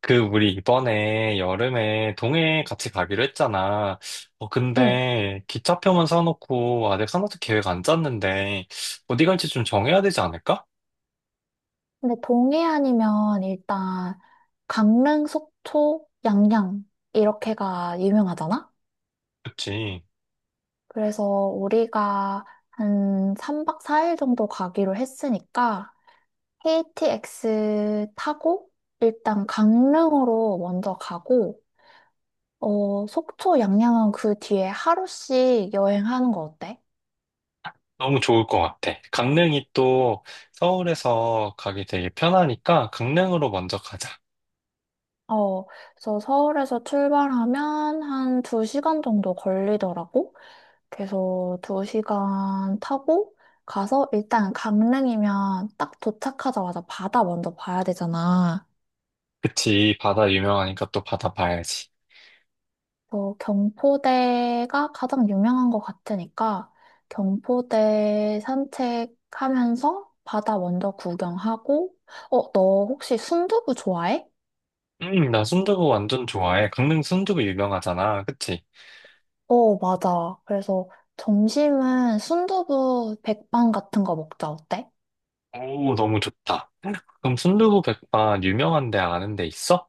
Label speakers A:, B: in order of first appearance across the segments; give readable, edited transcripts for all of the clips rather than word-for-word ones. A: 그, 우리 이번에 여름에 동해 같이 가기로 했잖아.
B: 응.
A: 근데 기차표만 사놓고 아직 하나도 계획 안 짰는데 어디 갈지 좀 정해야 되지 않을까?
B: 근데 동해안이면 일단 강릉, 속초, 양양 이렇게가 유명하잖아?
A: 그치.
B: 그래서 우리가 한 3박 4일 정도 가기로 했으니까 KTX 타고 일단 강릉으로 먼저 가고 속초, 양양은 그 뒤에 하루씩 여행하는 거 어때?
A: 너무 좋을 것 같아. 강릉이 또 서울에서 가기 되게 편하니까 강릉으로 먼저 가자.
B: 어, 그래서 서울에서 출발하면 한 2시간 정도 걸리더라고. 그래서 두 시간 타고 가서 일단 강릉이면 딱 도착하자마자 바다 먼저 봐야 되잖아.
A: 그치. 바다 유명하니까 또 바다 봐야지.
B: 그 경포대가 가장 유명한 것 같으니까 경포대 산책하면서 바다 먼저 구경하고, 너 혹시 순두부 좋아해?
A: 나 순두부 완전 좋아해. 강릉 순두부 유명하잖아. 그치?
B: 어, 맞아. 그래서 점심은 순두부 백반 같은 거 먹자. 어때?
A: 오, 너무 좋다. 그럼 순두부 백반 유명한 데 아는 데 있어?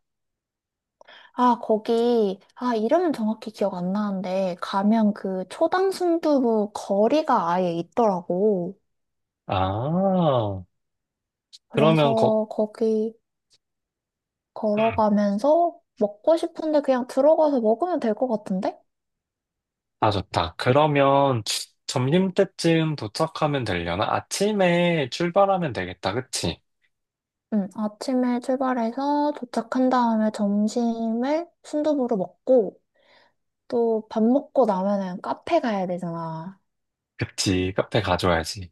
B: 이름은 정확히 기억 안 나는데, 가면 그 초당 순두부 거리가 아예 있더라고.
A: 아, 그러면 거,
B: 그래서 거기
A: 음,
B: 걸어가면서 먹고 싶은데 그냥 들어가서 먹으면 될 것 같은데?
A: 아, 좋다. 그러면 점심 때쯤 도착하면 되려나? 아침에 출발하면 되겠다. 그치?
B: 응, 아침에 출발해서 도착한 다음에 점심을 순두부로 먹고, 또 밥 먹고 나면은 카페 가야 되잖아.
A: 그치. 카페 가줘야지.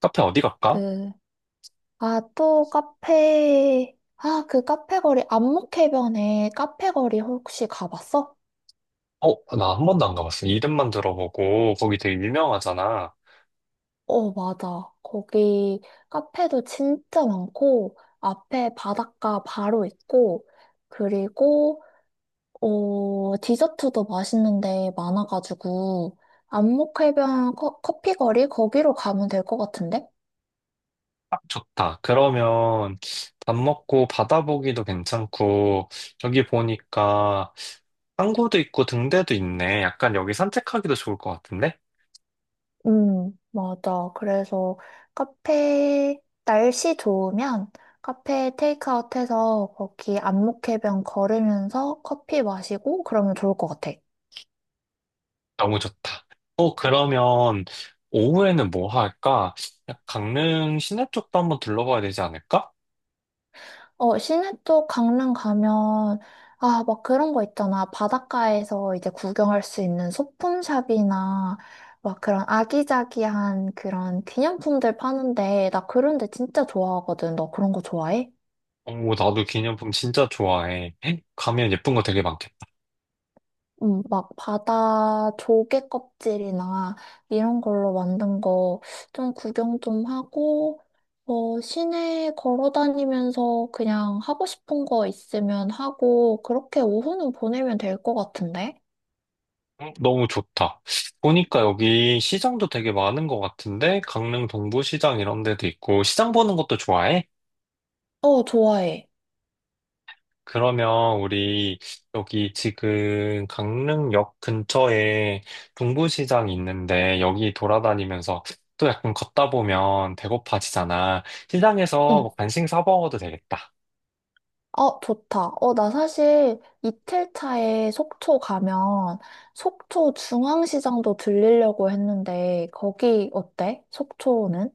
A: 카페 어디 갈까?
B: 그, 그 카페 거리, 안목해변에 카페 거리 혹시 가봤어?
A: 어, 나 한 번도 안 가봤어. 이름만 들어보고, 거기 되게 유명하잖아.
B: 어, 맞아. 거기 카페도 진짜 많고, 앞에 바닷가 바로 있고, 그리고, 디저트도 맛있는데 많아가지고, 안목해변 커피 거리? 거기로 가면 될 것 같은데?
A: 아, 좋다. 그러면 밥 먹고 바다 보기도 괜찮고, 저기 보니까 항구도 있고 등대도 있네. 약간 여기 산책하기도 좋을 것 같은데?
B: 맞아. 그래서 카페, 날씨 좋으면 카페 테이크아웃 해서 거기 안목해변 걸으면서 커피 마시고 그러면 좋을 것 같아.
A: 너무 좋다. 어, 그러면 오후에는 뭐 할까? 강릉 시내 쪽도 한번 둘러봐야 되지 않을까?
B: 시내 쪽 강릉 가면, 막 그런 거 있잖아. 바닷가에서 이제 구경할 수 있는 소품샵이나, 막 그런 아기자기한 그런 기념품들 파는데, 나 그런 데 진짜 좋아하거든. 너 그런 거 좋아해?
A: 오, 나도 기념품 진짜 좋아해. 가면 예쁜 거 되게 많겠다.
B: 응. 막 바다 조개 껍질이나 이런 걸로 만든 거 좀 구경 좀 하고, 시내 걸어 다니면서 그냥 하고 싶은 거 있으면 하고, 그렇게 오후는 보내면 될 것 같은데?
A: 너무 좋다. 보니까 여기 시장도 되게 많은 것 같은데, 강릉 동부시장 이런 데도 있고, 시장 보는 것도 좋아해?
B: 어, 좋아해.
A: 그러면 우리 여기 지금 강릉역 근처에 동부시장이 있는데 여기 돌아다니면서 또 약간 걷다 보면 배고파지잖아. 시장에서
B: 응.
A: 뭐 간식 사 먹어도 되겠다.
B: 어, 좋다. 어, 나 사실 이틀 차에 속초 가면 속초 중앙시장도 들리려고 했는데 거기 어때? 속초는?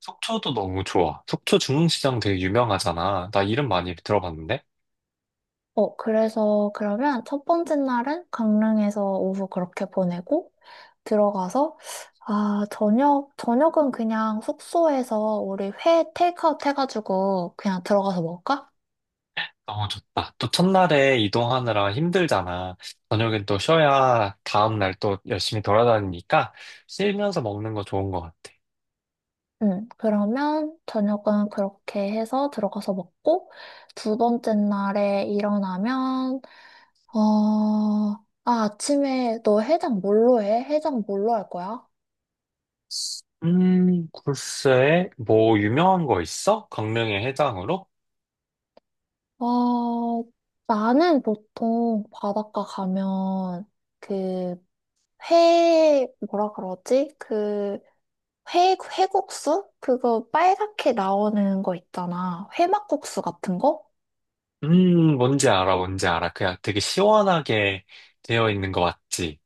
A: 속초도 너무 좋아. 속초 중흥시장 되게 유명하잖아. 나 이름 많이 들어봤는데?
B: 그래서 그러면 첫 번째 날은 강릉에서 오후 그렇게 보내고 들어가서 저녁은 그냥 숙소에서 우리 회 테이크아웃 해가지고 그냥 들어가서 먹을까?
A: 너무 좋다. 또 첫날에 이동하느라 힘들잖아. 저녁엔 또 쉬어야 다음날 또 열심히 돌아다니니까 쉬면서 먹는 거 좋은 것 같아.
B: 그러면 저녁은 그렇게 해서 들어가서 먹고, 두 번째 날에 일어나면, 아침에 너 해장 뭘로 해? 해장 뭘로 할 거야?
A: 글쎄, 뭐, 유명한 거 있어? 강릉의 해장으로?
B: 어, 나는 보통 바닷가 가면, 그, 회, 뭐라 그러지? 회국수? 그거 빨갛게 나오는 거 있잖아. 회막국수 같은 거?
A: 뭔지 알아, 뭔지 알아. 그냥 되게 시원하게 되어 있는 거 맞지?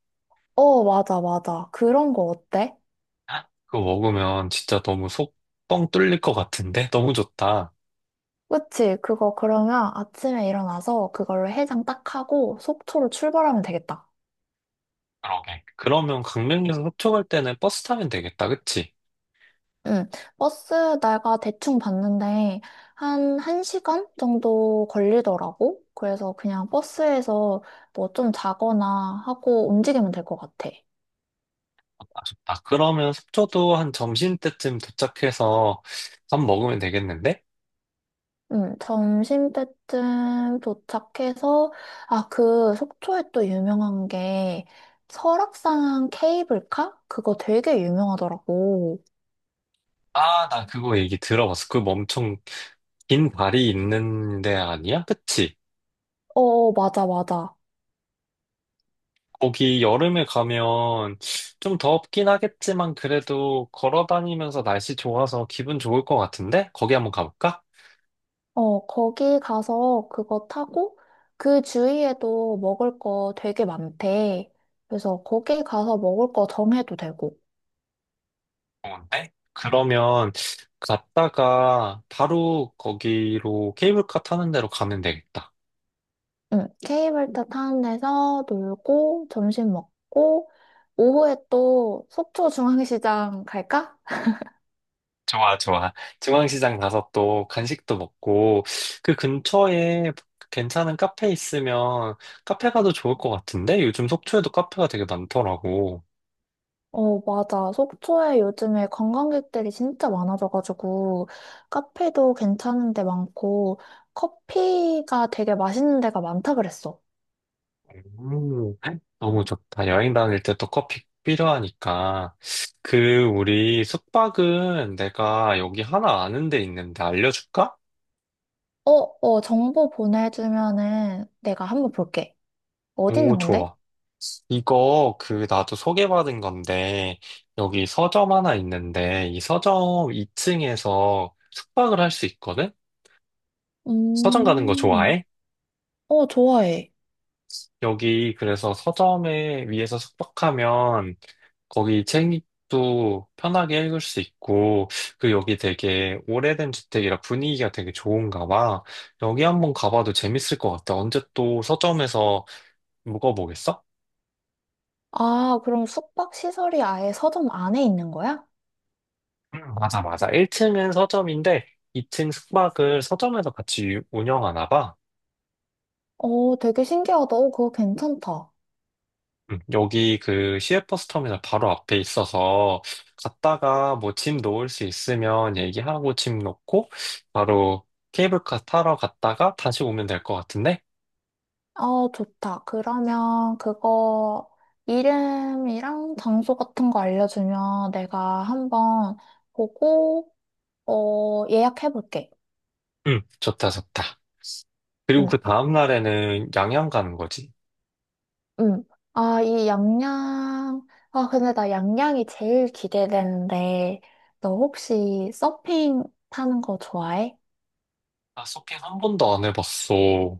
B: 어, 맞아, 맞아. 그런 거 어때?
A: 그거 먹으면 진짜 너무 속 뻥 뚫릴 것 같은데? 너무 좋다.
B: 그치? 그거 그러면 아침에 일어나서 그걸로 해장 딱 하고 속초로 출발하면 되겠다.
A: 그러게. 그러면 강릉에서 속초 갈 때는 버스 타면 되겠다, 그치?
B: 응. 버스 내가 대충 봤는데 한 1시간 정도 걸리더라고. 그래서 그냥 버스에서 뭐 좀 자거나 하고 움직이면 될 것 같아.
A: 아, 좋다. 그러면 속초도 한 점심때쯤 도착해서 밥 먹으면 되겠는데?
B: 응. 점심 때쯤 도착해서 그 속초에 또 유명한 게 설악산 케이블카? 그거 되게 유명하더라고.
A: 아, 나 그거 얘기 들어봤어. 그거 엄청 긴 다리 있는 데 아니야? 그치?
B: 어, 어, 맞아, 맞아.
A: 거기 여름에 가면 좀 덥긴 하겠지만 그래도 걸어 다니면서 날씨 좋아서 기분 좋을 것 같은데? 거기 한번 가볼까?
B: 거기 가서 그거 타고 그 주위에도 먹을 거 되게 많대. 그래서 거기 가서 먹을 거 정해도 되고.
A: 좋은데? 그러면 갔다가 바로 거기로 케이블카 타는 데로 가면 되겠다.
B: 응, 케이블카 타는 데서 놀고 점심 먹고 오후에 또 속초 중앙시장 갈까?
A: 좋아, 좋아. 중앙시장 가서 또 간식도 먹고 그 근처에 괜찮은 카페 있으면 카페 가도 좋을 것 같은데? 요즘 속초에도 카페가 되게 많더라고.
B: 어, 맞아. 속초에 요즘에 관광객들이 진짜 많아져가지고 카페도 괜찮은 데 많고 커피가 되게 맛있는 데가 많다 그랬어.
A: 너무 좋다. 여행 다닐 때 또 커피 필요하니까. 그, 우리 숙박은 내가 여기 하나 아는 데 있는데 알려줄까?
B: 어, 어, 정보 보내주면은 내가 한번 볼게. 어디
A: 오,
B: 있는 건데?
A: 좋아. 이거 그 나도 소개받은 건데 여기 서점 하나 있는데 이 서점 2층에서 숙박을 할 수 있거든? 서점 가는 거
B: 음,
A: 좋아해?
B: 어, 좋아해.
A: 여기 그래서 서점에 위에서 숙박하면 거기 책도 편하게 읽을 수 있고, 그 여기 되게 오래된 주택이라 분위기가 되게 좋은가 봐. 여기 한번 가봐도 재밌을 것 같아. 언제 또 서점에서 묵어보겠어?
B: 아, 그럼 숙박 시설이 아예 서점 안에 있는 거야?
A: 맞아, 맞아. 1층은 서점인데, 2층 숙박을 서점에서 같이 운영하나 봐.
B: 어, 되게 신기하다. 어, 그거 괜찮다.
A: 여기 그 시외버스 터미널 바로 앞에 있어서 갔다가 뭐 짐 놓을 수 있으면 얘기하고 짐 놓고 바로 케이블카 타러 갔다가 다시 오면 될 것 같은데?
B: 어, 좋다. 그러면 그거 이름이랑 장소 같은 거 알려주면 내가 한번 보고, 예약해볼게.
A: 응, 좋다, 좋다. 그리고
B: 응.
A: 그 다음날에는 양양 가는 거지.
B: 음. 아, 이 양양. 근데 나 양양이 제일 기대되는데, 너 혹시 서핑 타는 거 좋아해?
A: 아, 서핑 한 번도 안 해봤어.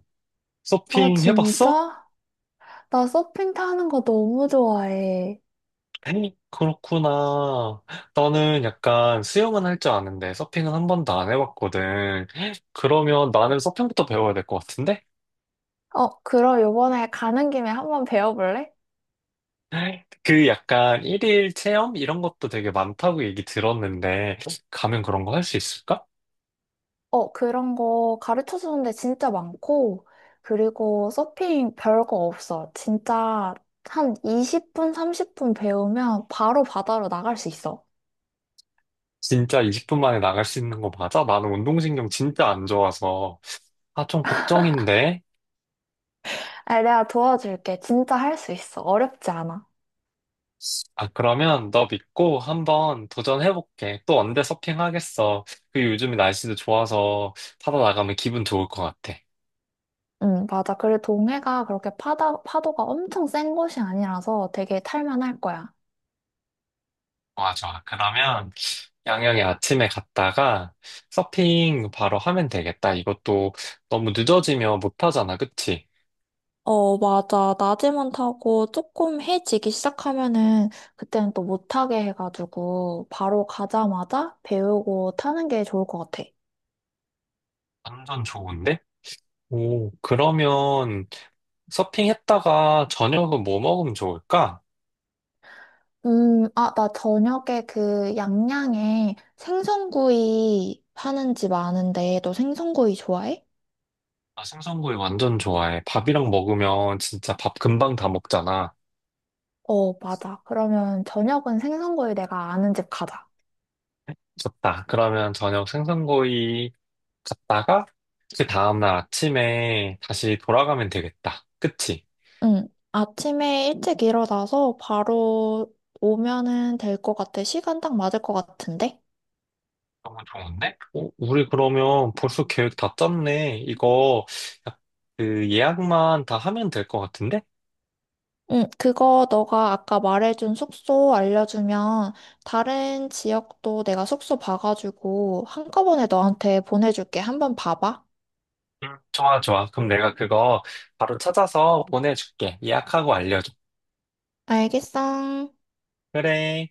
B: 아,
A: 서핑 해봤어?
B: 진짜? 나 서핑 타는 거 너무 좋아해.
A: 에이, 그렇구나. 나는 약간 수영은 할 줄 아는데 서핑은 한 번도 안 해봤거든. 그러면 나는 서핑부터 배워야 될 것 같은데?
B: 그럼 요번에 가는 김에 한번 배워볼래?
A: 그 약간 일일 체험? 이런 것도 되게 많다고 얘기 들었는데, 가면 그런 거 할 수 있을까?
B: 그런 거 가르쳐 주는데 진짜 많고, 그리고 서핑 별 거 없어. 진짜 한 20분, 30분 배우면 바로 바다로 나갈 수 있어.
A: 진짜 20분 만에 나갈 수 있는 거 맞아? 나는 운동신경 진짜 안 좋아서. 아, 좀 걱정인데.
B: 아, 내가 도와줄게. 진짜 할 수 있어. 어렵지 않아.
A: 아, 그러면 너 믿고 한번 도전해볼게. 또 언제 서핑하겠어. 그 요즘 날씨도 좋아서 타다 나가면 기분 좋을 것 같아.
B: 응, 맞아. 그리고 동해가 그렇게 파도가 엄청 센 곳이 아니라서 되게 탈만할 거야.
A: 좋아, 좋아. 그러면 양양에 아침에 갔다가 서핑 바로 하면 되겠다. 이것도 너무 늦어지면 못하잖아, 그치?
B: 어, 맞아. 낮에만 타고 조금 해지기 시작하면은 그때는 또 못하게 해가지고 바로 가자마자 배우고 타는 게 좋을 것 같아.
A: 완전 좋은데? 오, 그러면 서핑했다가 저녁은 뭐 먹으면 좋을까?
B: 나 저녁에 그 양양에 생선구이 파는 집 아는데 너 생선구이 좋아해?
A: 나 생선구이 완전 좋아해. 밥이랑 먹으면 진짜 밥 금방 다 먹잖아.
B: 어, 맞아. 그러면 저녁은 생선구이 내가 아는 집 가자.
A: 좋다. 그러면 저녁 생선구이 갔다가 그 다음날 아침에 다시 돌아가면 되겠다. 그치?
B: 응. 아침에 일찍 일어나서 바로 오면은 될 것 같아. 시간 딱 맞을 것 같은데?
A: 너무 좋은데? 어, 우리 그러면 벌써 계획 다 짰네. 약- 그 예약만 다 하면 될 것 같은데?
B: 응, 그거 너가 아까 말해준 숙소 알려주면 다른 지역도 내가 숙소 봐가지고 한꺼번에 너한테 보내줄게. 한번 봐봐.
A: 응, 좋아, 좋아. 그럼 내가 그거 바로 찾아서 보내줄게. 예약하고 알려줘.
B: 알겠어.
A: 그래.